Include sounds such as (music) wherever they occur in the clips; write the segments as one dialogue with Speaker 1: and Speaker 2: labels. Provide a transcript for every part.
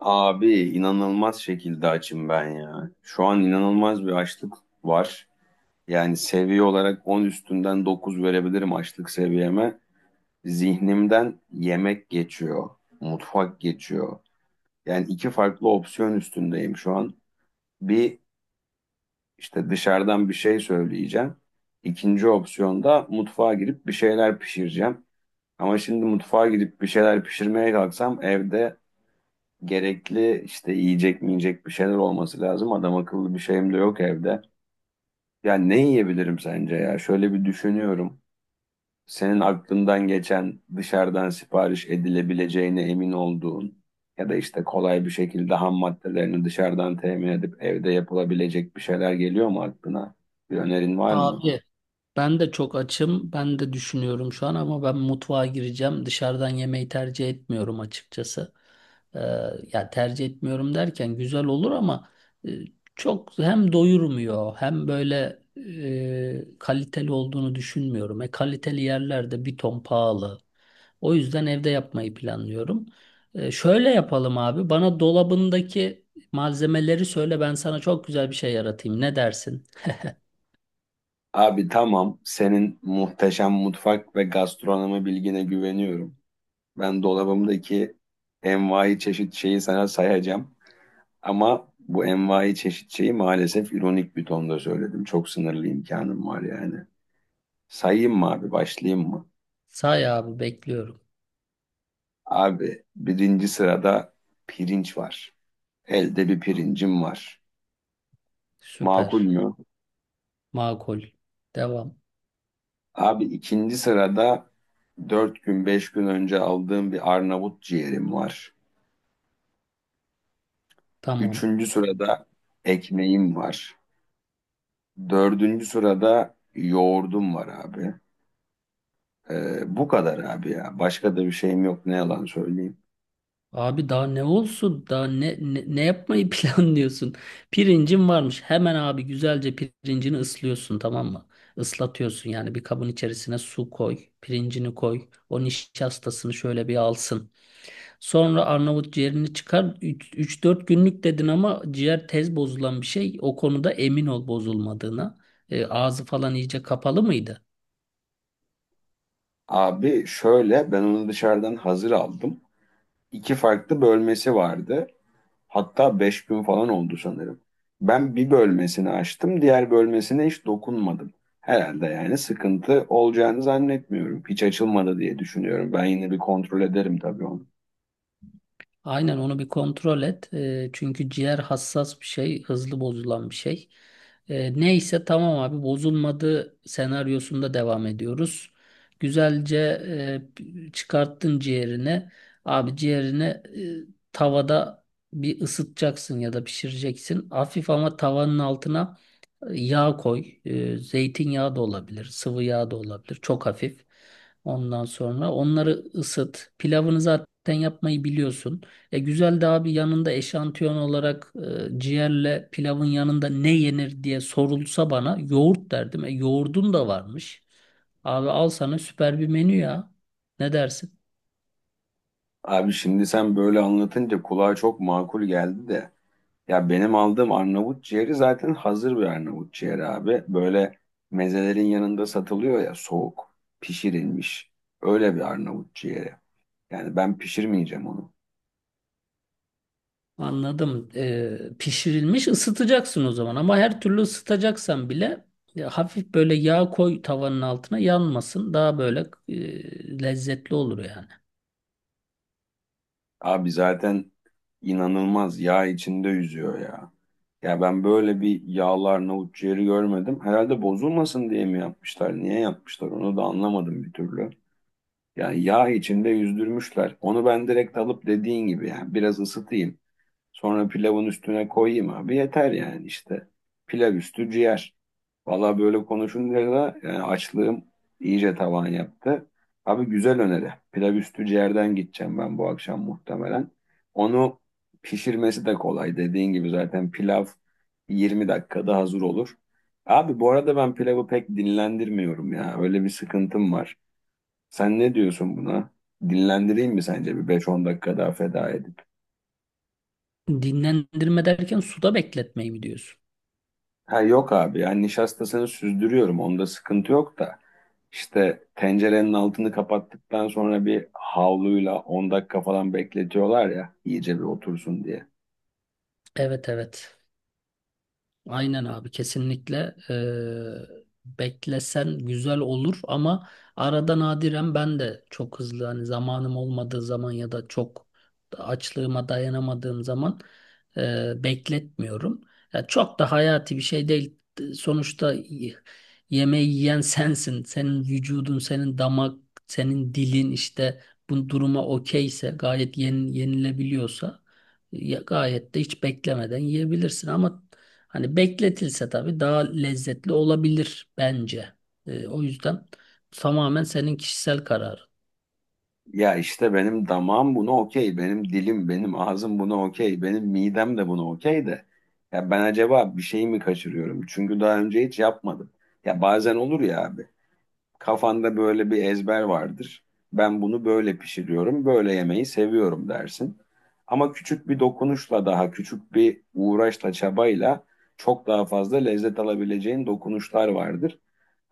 Speaker 1: Abi inanılmaz şekilde açım ben ya. Şu an inanılmaz bir açlık var. Yani seviye olarak 10 üstünden 9 verebilirim açlık seviyeme. Zihnimden yemek geçiyor, mutfak geçiyor. Yani iki farklı opsiyon üstündeyim şu an. Bir işte dışarıdan bir şey söyleyeceğim. İkinci opsiyonda mutfağa girip bir şeyler pişireceğim. Ama şimdi mutfağa girip bir şeyler pişirmeye kalksam evde gerekli işte yiyecek mi bir şeyler olması lazım. Adam akıllı bir şeyim de yok evde. Ya ne yiyebilirim sence ya? Şöyle bir düşünüyorum. Senin aklından geçen dışarıdan sipariş edilebileceğine emin olduğun ya da işte kolay bir şekilde ham maddelerini dışarıdan temin edip evde yapılabilecek bir şeyler geliyor mu aklına? Bir önerin var mı?
Speaker 2: Abi ben de çok açım. Ben de düşünüyorum şu an ama ben mutfağa gireceğim. Dışarıdan yemeği tercih etmiyorum açıkçası. Ee, ya tercih etmiyorum derken güzel olur ama e, çok hem doyurmuyor hem böyle kaliteli olduğunu düşünmüyorum. E, kaliteli yerlerde bir ton pahalı. O yüzden evde yapmayı planlıyorum. Şöyle yapalım abi. Bana dolabındaki malzemeleri söyle ben sana çok güzel bir şey yaratayım. Ne dersin?
Speaker 1: Abi tamam, senin muhteşem mutfak ve gastronomi bilgine güveniyorum. Ben dolabımdaki envai çeşit şeyi sana sayacağım. Ama bu envai çeşit şeyi maalesef ironik bir tonda söyledim. Çok sınırlı imkanım var yani. Sayayım mı abi, başlayayım mı?
Speaker 2: Say abi bekliyorum.
Speaker 1: Abi birinci sırada pirinç var. Elde bir pirincim var. Makul
Speaker 2: Süper.
Speaker 1: mü?
Speaker 2: Makul. Devam.
Speaker 1: Abi ikinci sırada dört gün beş gün önce aldığım bir Arnavut ciğerim var.
Speaker 2: Tamam.
Speaker 1: Üçüncü sırada ekmeğim var. Dördüncü sırada yoğurdum var abi. Bu kadar abi ya. Başka da bir şeyim yok, ne yalan söyleyeyim.
Speaker 2: Abi daha ne olsun? Daha ne yapmayı (laughs) planlıyorsun? Pirincin varmış. Hemen abi güzelce pirincini ıslıyorsun tamam mı? Islatıyorsun yani bir kabın içerisine su koy. Pirincini koy. O nişastasını şöyle bir alsın. Sonra Arnavut ciğerini çıkar. Üç dört günlük dedin ama ciğer tez bozulan bir şey. O konuda emin ol bozulmadığına. Ağzı falan iyice kapalı mıydı?
Speaker 1: Abi şöyle, ben onu dışarıdan hazır aldım. İki farklı bölmesi vardı. Hatta beş gün falan oldu sanırım. Ben bir bölmesini açtım, diğer bölmesine hiç dokunmadım. Herhalde yani sıkıntı olacağını zannetmiyorum. Hiç açılmadı diye düşünüyorum. Ben yine bir kontrol ederim tabii onu.
Speaker 2: Aynen onu bir kontrol et. Çünkü ciğer hassas bir şey, hızlı bozulan bir şey. Neyse tamam abi bozulmadı senaryosunda devam ediyoruz. Güzelce çıkarttın ciğerini. Abi ciğerini tavada bir ısıtacaksın ya da pişireceksin. Hafif ama tavanın altına yağ koy. Zeytinyağı da olabilir. Sıvı yağ da olabilir. Çok hafif. Ondan sonra onları ısıt. Pilavını zaten yapmayı biliyorsun. Güzel de abi yanında eşantiyon olarak ciğerle pilavın yanında ne yenir diye sorulsa bana yoğurt derdim. Yoğurdun da varmış. Abi al sana süper bir menü ya. Ne dersin?
Speaker 1: Abi şimdi sen böyle anlatınca kulağa çok makul geldi de. Ya benim aldığım Arnavut ciğeri zaten hazır bir Arnavut ciğeri abi. Böyle mezelerin yanında satılıyor ya, soğuk, pişirilmiş. Öyle bir Arnavut ciğeri. Yani ben pişirmeyeceğim onu.
Speaker 2: Anladım. Pişirilmiş ısıtacaksın o zaman ama her türlü ısıtacaksan bile hafif böyle yağ koy tavanın altına yanmasın. Daha böyle lezzetli olur yani.
Speaker 1: Abi zaten inanılmaz yağ içinde yüzüyor ya. Ya ben böyle bir yağlı Arnavut ciğeri görmedim. Herhalde bozulmasın diye mi yapmışlar? Niye yapmışlar? Onu da anlamadım bir türlü. Yani yağ içinde yüzdürmüşler. Onu ben direkt alıp dediğin gibi yani biraz ısıtayım. Sonra pilavın üstüne koyayım abi, yeter yani işte. Pilav üstü ciğer. Valla böyle konuşunca da yani açlığım iyice tavan yaptı. Abi güzel öneri. Pilav üstü ciğerden gideceğim ben bu akşam muhtemelen. Onu pişirmesi de kolay. Dediğin gibi zaten pilav 20 dakikada hazır olur. Abi bu arada ben pilavı pek dinlendirmiyorum ya. Öyle bir sıkıntım var. Sen ne diyorsun buna? Dinlendireyim mi sence bir beş on dakika daha feda edip?
Speaker 2: Dinlendirme derken suda bekletmeyi mi diyorsun?
Speaker 1: Ha yok abi, yani nişastasını süzdürüyorum, onda sıkıntı yok da işte tencerenin altını kapattıktan sonra bir havluyla 10 dakika falan bekletiyorlar ya iyice bir otursun diye.
Speaker 2: Evet, evet. Aynen abi kesinlikle beklesen güzel olur ama arada nadiren ben de çok hızlı hani zamanım olmadığı zaman ya da çok açlığıma dayanamadığım zaman bekletmiyorum. Ya çok da hayati bir şey değil. Sonuçta yemeği yiyen sensin. Senin vücudun, senin damak, senin dilin işte bu duruma okeyse gayet yenilebiliyorsa ya gayet de hiç beklemeden yiyebilirsin ama hani bekletilse tabii daha lezzetli olabilir bence. O yüzden tamamen senin kişisel kararın.
Speaker 1: Ya işte benim damağım buna okey, benim dilim, benim ağzım buna okey, benim midem de buna okey de ya ben acaba bir şey mi kaçırıyorum? Çünkü daha önce hiç yapmadım. Ya bazen olur ya abi. Kafanda böyle bir ezber vardır. Ben bunu böyle pişiriyorum, böyle yemeği seviyorum dersin. Ama küçük bir dokunuşla, daha küçük bir uğraşla, çabayla çok daha fazla lezzet alabileceğin dokunuşlar vardır.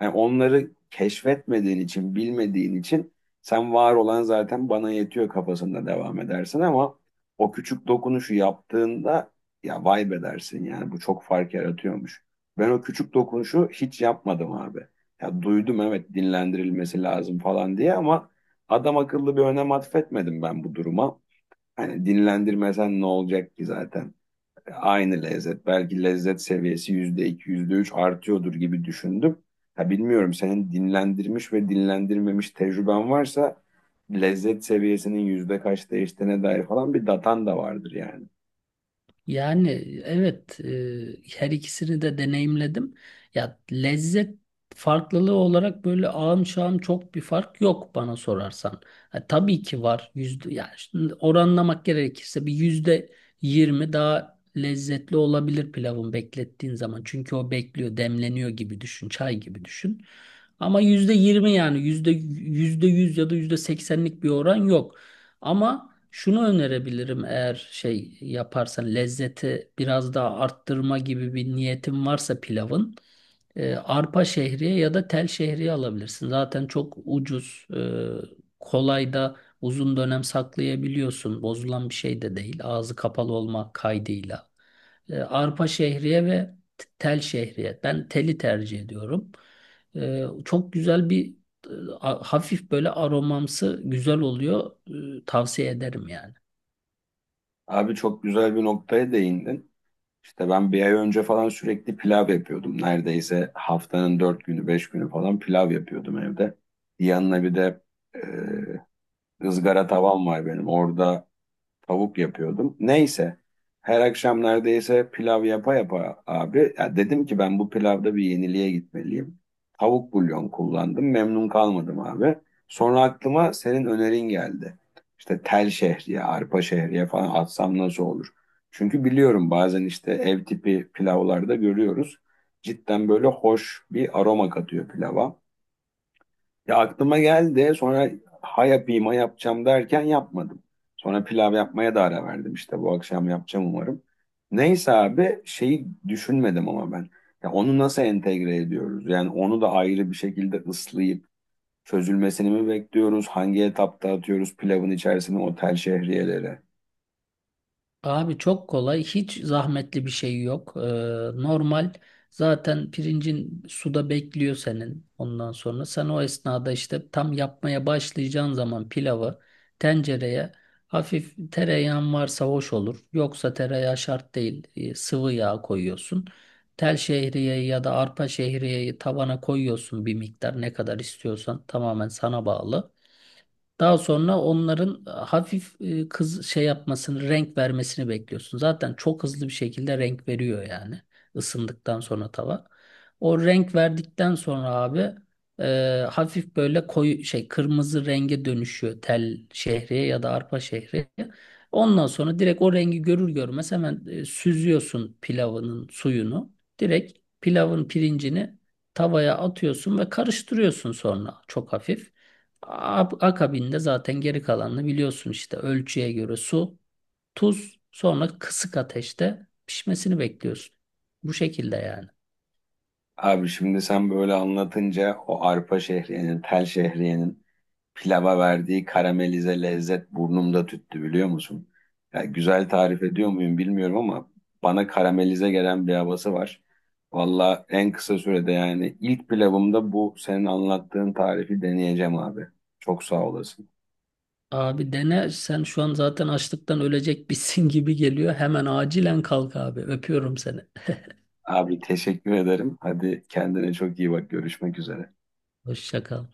Speaker 1: Yani onları keşfetmediğin için, bilmediğin için sen var olan zaten bana yetiyor kafasında devam edersin ama o küçük dokunuşu yaptığında ya vay be dersin, yani bu çok fark yaratıyormuş. Ben o küçük dokunuşu hiç yapmadım abi. Ya duydum, evet, dinlendirilmesi lazım falan diye ama adam akıllı bir önem atfetmedim ben bu duruma. Hani dinlendirmesen ne olacak ki zaten? Aynı lezzet. Belki lezzet seviyesi yüzde iki, yüzde üç artıyordur gibi düşündüm. Ha bilmiyorum, senin dinlendirmiş ve dinlendirmemiş tecrüben varsa lezzet seviyesinin yüzde kaç değiştiğine dair falan bir datan da vardır yani.
Speaker 2: Yani evet, her ikisini de deneyimledim. Ya lezzet farklılığı olarak böyle ağım şağım çok bir fark yok bana sorarsan. Ha, tabii ki var yüzde yani şimdi oranlamak gerekirse bir %20 daha lezzetli olabilir pilavın beklettiğin zaman. Çünkü o bekliyor demleniyor gibi düşün çay gibi düşün. Ama %20 yani yüzde yüz ya da %80'lik bir oran yok. Ama şunu önerebilirim eğer şey yaparsan lezzeti biraz daha arttırma gibi bir niyetin varsa pilavın arpa şehriye ya da tel şehriye alabilirsin. Zaten çok ucuz, kolay da uzun dönem saklayabiliyorsun. Bozulan bir şey de değil. Ağzı kapalı olma kaydıyla. Arpa şehriye ve tel şehriye. Ben teli tercih ediyorum. Çok güzel bir e, hafif böyle aromamsı güzel oluyor. Tavsiye ederim yani.
Speaker 1: Abi çok güzel bir noktaya değindin. İşte ben bir ay önce falan sürekli pilav yapıyordum. Neredeyse haftanın dört günü, beş günü falan pilav yapıyordum evde. Yanına bir de e, ızgara tavam var benim. Orada tavuk yapıyordum. Neyse. Her akşam neredeyse pilav yapa yapa abi. Ya dedim ki ben bu pilavda bir yeniliğe gitmeliyim. Tavuk bulyon kullandım. Memnun kalmadım abi. Sonra aklıma senin önerin geldi. İşte tel şehriye, arpa şehriye falan atsam nasıl olur? Çünkü biliyorum bazen işte ev tipi pilavlarda görüyoruz. Cidden böyle hoş bir aroma katıyor pilava. Ya aklıma geldi sonra, ha yapayım ha yapacağım derken yapmadım. Sonra pilav yapmaya da ara verdim, işte bu akşam yapacağım umarım. Neyse abi şeyi düşünmedim ama ben. Ya onu nasıl entegre ediyoruz? Yani onu da ayrı bir şekilde ıslayıp çözülmesini mi bekliyoruz? Hangi etapta atıyoruz pilavın içerisine o tel şehriyeleri?
Speaker 2: Abi çok kolay, hiç zahmetli bir şey yok. Normal zaten pirincin suda bekliyor senin ondan sonra. Sen o esnada işte tam yapmaya başlayacağın zaman pilavı tencereye hafif tereyağın varsa hoş olur. Yoksa tereyağı şart değil. Sıvı yağ koyuyorsun. Tel şehriyeyi ya da arpa şehriyeyi tavana koyuyorsun bir miktar, ne kadar istiyorsan tamamen sana bağlı. Daha sonra onların hafif kız şey yapmasını, renk vermesini bekliyorsun. Zaten çok hızlı bir şekilde renk veriyor yani ısındıktan sonra tava. O renk verdikten sonra abi hafif böyle koyu şey kırmızı renge dönüşüyor tel şehriye ya da arpa şehriye. Ondan sonra direkt o rengi görür görmez hemen süzüyorsun pilavının suyunu. Direkt pilavın pirincini tavaya atıyorsun ve karıştırıyorsun sonra çok hafif. Akabinde zaten geri kalanını biliyorsun işte ölçüye göre su, tuz, sonra kısık ateşte pişmesini bekliyorsun. Bu şekilde yani.
Speaker 1: Abi şimdi sen böyle anlatınca o arpa şehriyenin, tel şehriyenin pilava verdiği karamelize lezzet burnumda tüttü, biliyor musun? Ya güzel tarif ediyor muyum bilmiyorum ama bana karamelize gelen bir havası var. Valla en kısa sürede, yani ilk pilavımda bu senin anlattığın tarifi deneyeceğim abi. Çok sağ olasın.
Speaker 2: Abi dene sen şu an zaten açlıktan ölecek (laughs) bitsin gibi geliyor. Hemen acilen kalk abi. Öpüyorum seni.
Speaker 1: Abi teşekkür ederim. Hadi kendine çok iyi bak. Görüşmek üzere.
Speaker 2: Hoşça kal.